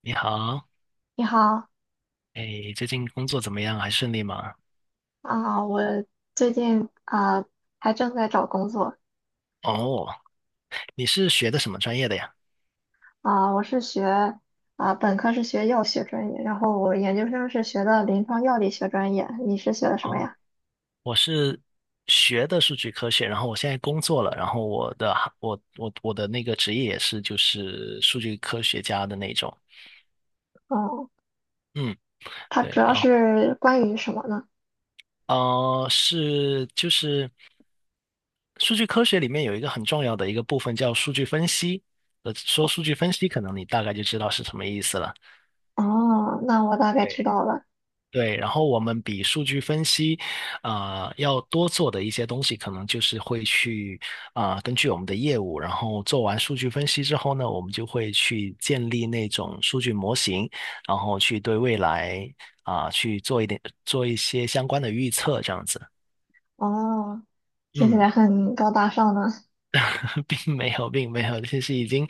你好。你好哎，最近工作怎么样？还顺利吗？啊，我最近啊还正在找工作哦，你是学的什么专业的呀？啊。我是学啊本科是学药学专业，然后我研究生是学的临床药理学专业。你是学的什么哦，呀？我是学的数据科学，然后我现在工作了，然后我的行我我我的那个职业也是就是数据科学家的那种。哦，嗯，它主对，要然后是关于什么呢？就是数据科学里面有一个很重要的一个部分叫数据分析。说数据分析，可能你大概就知道是什么意思了。哦，那我大概知对。道了。对，然后我们比数据分析，要多做的一些东西，可能就是会去根据我们的业务，然后做完数据分析之后呢，我们就会去建立那种数据模型，然后去对未来去做一些相关的预测，这样子。哦，听起嗯。来很高大上呢。并没有，并没有，其实已经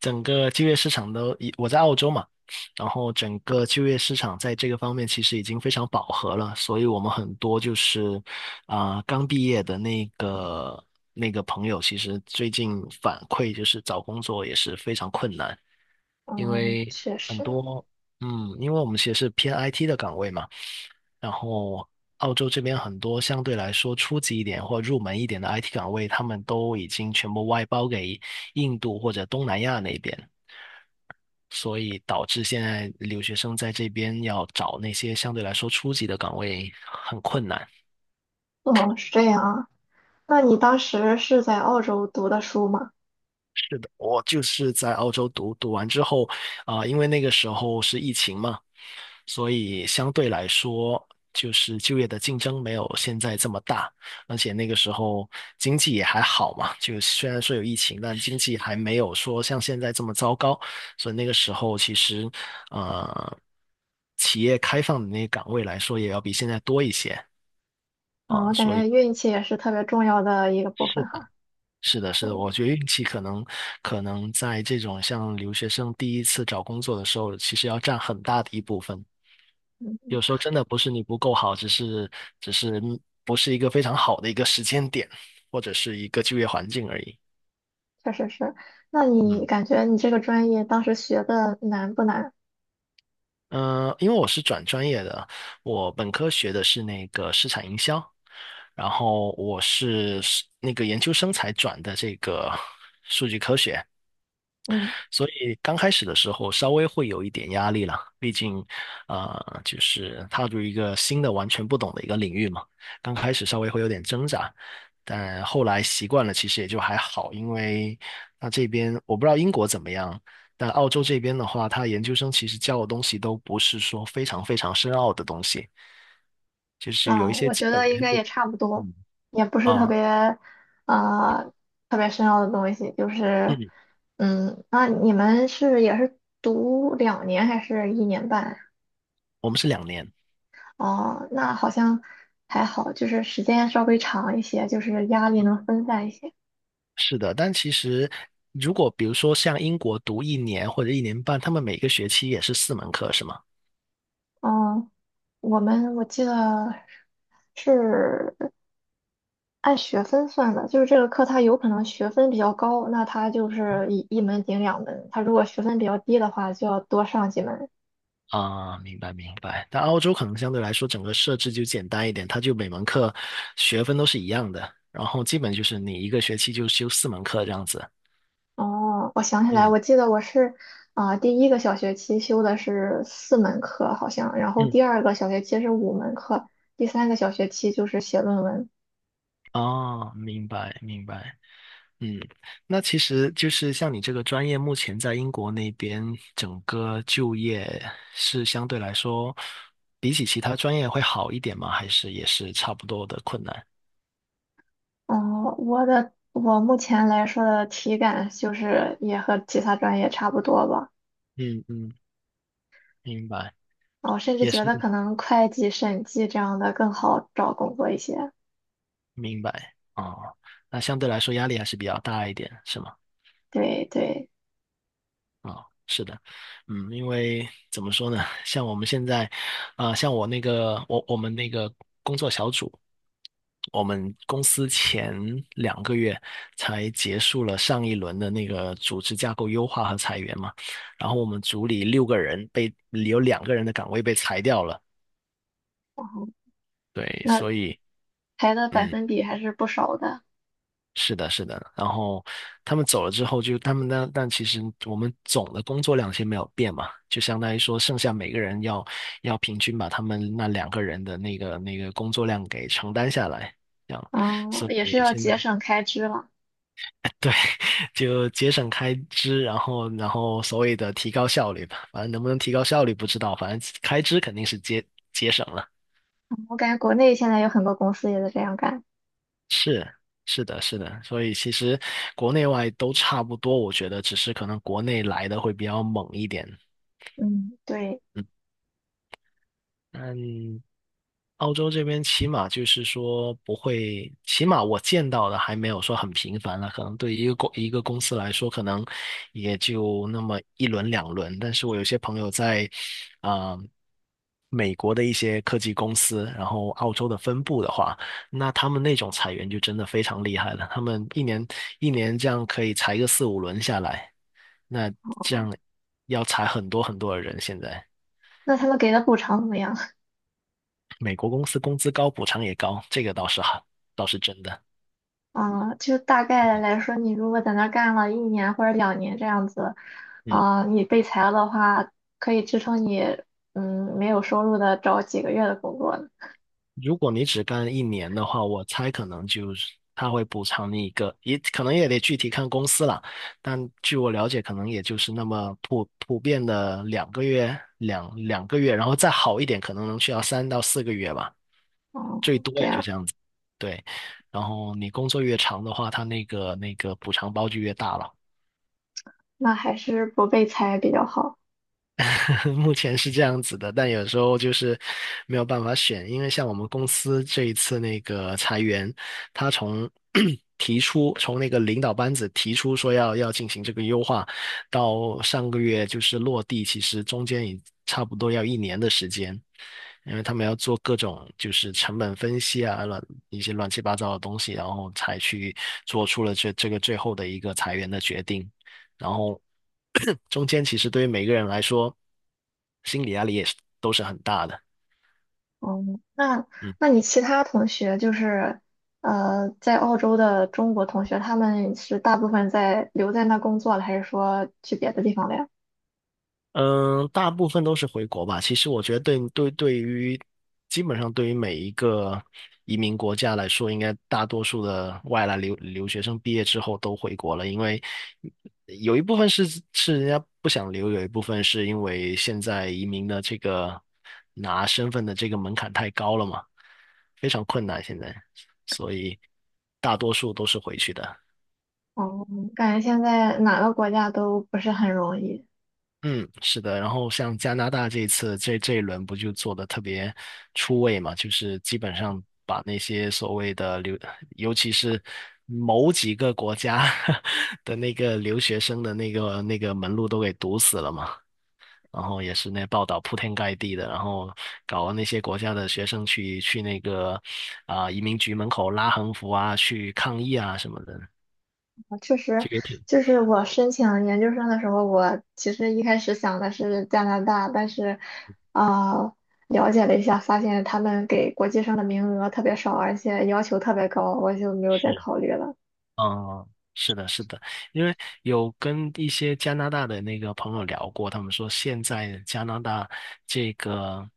整个就业市场都已，我在澳洲嘛，然后整个就业市场在这个方面其实已经非常饱和了，所以我们很多就是刚毕业的那个朋友，其实最近反馈就是找工作也是非常困难。因嗯，为确很实。多，嗯，因为我们其实是偏 IT 的岗位嘛，然后澳洲这边很多相对来说初级一点或入门一点的 IT 岗位，他们都已经全部外包给印度或者东南亚那边，所以导致现在留学生在这边要找那些相对来说初级的岗位很困难。嗯，是这样啊。那你当时是在澳洲读的书吗？我就是在澳洲读，读完之后因为那个时候是疫情嘛，所以相对来说，就是就业的竞争没有现在这么大，而且那个时候经济也还好嘛，就虽然说有疫情，但经济还没有说像现在这么糟糕，所以那个时候其实呃，企业开放的那个岗位来说，也要比现在多一些啊，啊，我感所以。觉运气也是特别重要的一个部是。分哈。是的，是的，我觉得运气可能在这种像留学生第一次找工作的时候，其实要占很大的一部分。嗯，有时候真的不是你不够好，只是不是一个非常好的一个时间点，或者是一个就业环境而已。确实是。那你嗯，感觉你这个专业当时学的难不难？因为我是转专业的，我本科学的是那个市场营销，然后我是那个研究生才转的这个数据科学。嗯，所以刚开始的时候稍微会有一点压力了，毕竟，就是踏入一个新的、完全不懂的一个领域嘛，刚开始稍微会有点挣扎，但后来习惯了，其实也就还好，因为那这边我不知道英国怎么样，但澳洲这边的话，他研究生其实教的东西都不是说非常非常深奥的东西，就是有一些我基觉本得应原该也理。差不多，嗯也不是啊，啊，特别深奥的东西。就是，嗯，嗯。那你们是也是读两年还是一年半呀？我们是两年。哦，那好像还好，就是时间稍微长一些，就是压力能分散一些。是的，但其实如果比如说像英国读一年或者一年半，他们每个学期也是四门课，是吗？哦，我记得是按学分算的，就是这个课它有可能学分比较高，那它就是一门顶两门；它如果学分比较低的话，就要多上几门。啊，明白明白。但澳洲可能相对来说整个设置就简单一点，它就每门课学分都是一样的，然后基本就是你一个学期就修四门课这样子。哦，我想起来，嗯我记得我是啊、第一个小学期修的是四门课，好像，然后嗯，第二个小学期是五门课，第三个小学期就是写论文。哦，明白明白。嗯，那其实就是像你这个专业，目前在英国那边整个就业是相对来说，比起其他专业会好一点吗？还是也是差不多的困难？哦，我目前来说的体感就是也和其他专业差不多吧。嗯嗯，明白，我甚至也觉是得可能会计、审计这样的更好找工作一些。明白哦。那相对来说压力还是比较大一点，是吗？对对，啊，是的。嗯，因为怎么说呢，像我们现在，像我那个，我们那个工作小组，我们公司前两个月才结束了上一轮的那个组织架构优化和裁员嘛，然后我们组里六个人被有两个人的岗位被裁掉了，对，那所以。排的百嗯。分比还是不少的，是的，是的。然后他们走了之后就，他们呢，但其实我们总的工作量先没有变嘛，就相当于说，剩下每个人要平均把他们那两个人的那个工作量给承担下来，这样。嗯，所也以是要现在 节省开支了。对，就节省开支，然后所谓的提高效率吧，反正能不能提高效率不知道，反正开支肯定是节省了。嗯，我感觉国内现在有很多公司也在这样干，是是的，是的，所以其实国内外都差不多，我觉得只是可能国内来的会比较猛一点。嗯，对。嗯，嗯。澳洲这边起码就是说不会，起码我见到的还没有说很频繁了。可能对于一个公司来说，可能也就那么一轮两轮。但是我有些朋友在啊、美国的一些科技公司，然后澳洲的分部的话，那他们那种裁员就真的非常厉害了。他们一年这样可以裁个四五轮下来，那这样要裁很多很多的人现在。那他们给的补偿怎么样？美国公司工资高，补偿也高，这个倒是好，倒是真的。就大概来说，你如果在那儿干了一年或者两年这样子，嗯，你被裁了的话，可以支撑你，没有收入的找几个月的工作呢。如果你只干一年的话，我猜可能就是他会补偿你一个，也可能也得具体看公司了。但据我了解，可能也就是那么普遍的两个月，两个月，然后再好一点，可能能去到三到四个月吧，哦、最多这也就样，这样子。对，然后你工作越长的话，他那个补偿包就越大了。那还是不被裁比较好。目前是这样子的，但有时候就是没有办法选，因为像我们公司这一次那个裁员，他从 提出从那个领导班子提出说要进行这个优化，到上个月就是落地，其实中间也差不多要一年的时间，因为他们要做各种就是成本分析啊，一些乱七八糟的东西，然后才去做出了这个最后的一个裁员的决定。然后 中间其实对于每个人来说，心理压力也是都是很大的。哦，那嗯。那你其他同学就是在澳洲的中国同学，他们是大部分在留在那工作了，还是说去别的地方了呀？嗯，大部分都是回国吧。其实我觉得对于基本上对于每一个移民国家来说，应该大多数的外来留学生毕业之后都回国了，因为有一部分是人家不想留，有一部分是因为现在移民的这个拿身份的这个门槛太高了嘛，非常困难现在，所以大多数都是回去的。哦，感觉现在哪个国家都不是很容易。嗯，是的，然后像加拿大这一次这一轮不就做的特别出位嘛，就是基本上把那些所谓的留，尤其是某几个国家 的那个留学生的那个门路都给堵死了嘛，然后也是那报道铺天盖地的，然后搞那些国家的学生去那个移民局门口拉横幅啊，去抗议啊什么的，啊确实，这个也挺就是我申请研究生的时候，我其实一开始想的是加拿大，但是啊、呃了解了一下，发现他们给国际生的名额特别少，而且要求特别高，我就没有再是。考虑了。嗯，是的，是的，因为有跟一些加拿大的那个朋友聊过，他们说现在加拿大这个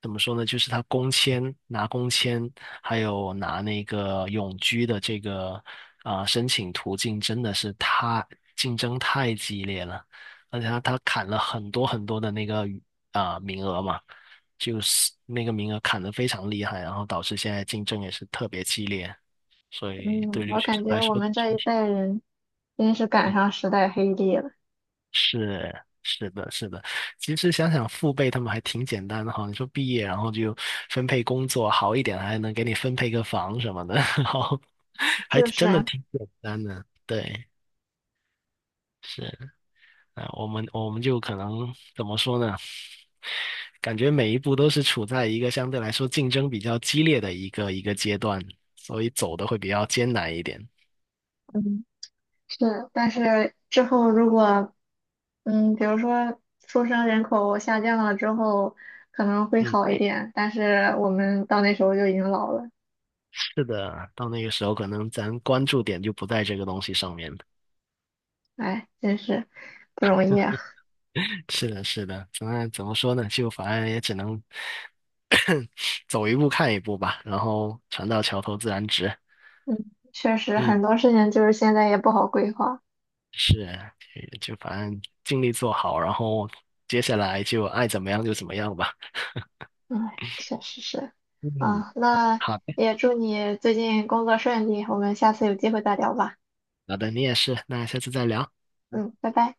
怎么说呢？就是他工签、拿工签，还有拿那个永居的这个申请途径，真的是太竞争太激烈了，而且他砍了很多很多的那个名额嘛，就是那个名额砍得非常厉害，然后导致现在竞争也是特别激烈。所以嗯，对留我学感生觉来我说，们这总一体代人真是赶嗯上时代黑帝了，是的，是的。其实想想父辈他们还挺简单的哈，你说毕业然后就分配工作好一点，还能给你分配个房什么的，然后还就真的是。挺简单的。对，是啊，我们就可能怎么说呢？感觉每一步都是处在一个相对来说竞争比较激烈的一个阶段，所以走的会比较艰难一点。嗯，是，但是之后如果，嗯，比如说出生人口下降了之后，可能会嗯。好一点，但是我们到那时候就已经老了，是的，到那个时候可能咱关注点就不在这个东西上面了。哎，真是不容易啊。是的，是的，怎么说呢？就反正也只能 走一步看一步吧，然后船到桥头自然直。嗯，确实嗯，很多事情就是现在也不好规划，是啊，就反正尽力做好，然后接下来就爱怎么样就怎么样吧。哎，确实是。嗯，啊，那好的。也祝你最近工作顺利，我们下次有机会再聊吧。好的，你也是，那下次再聊。嗯，拜拜。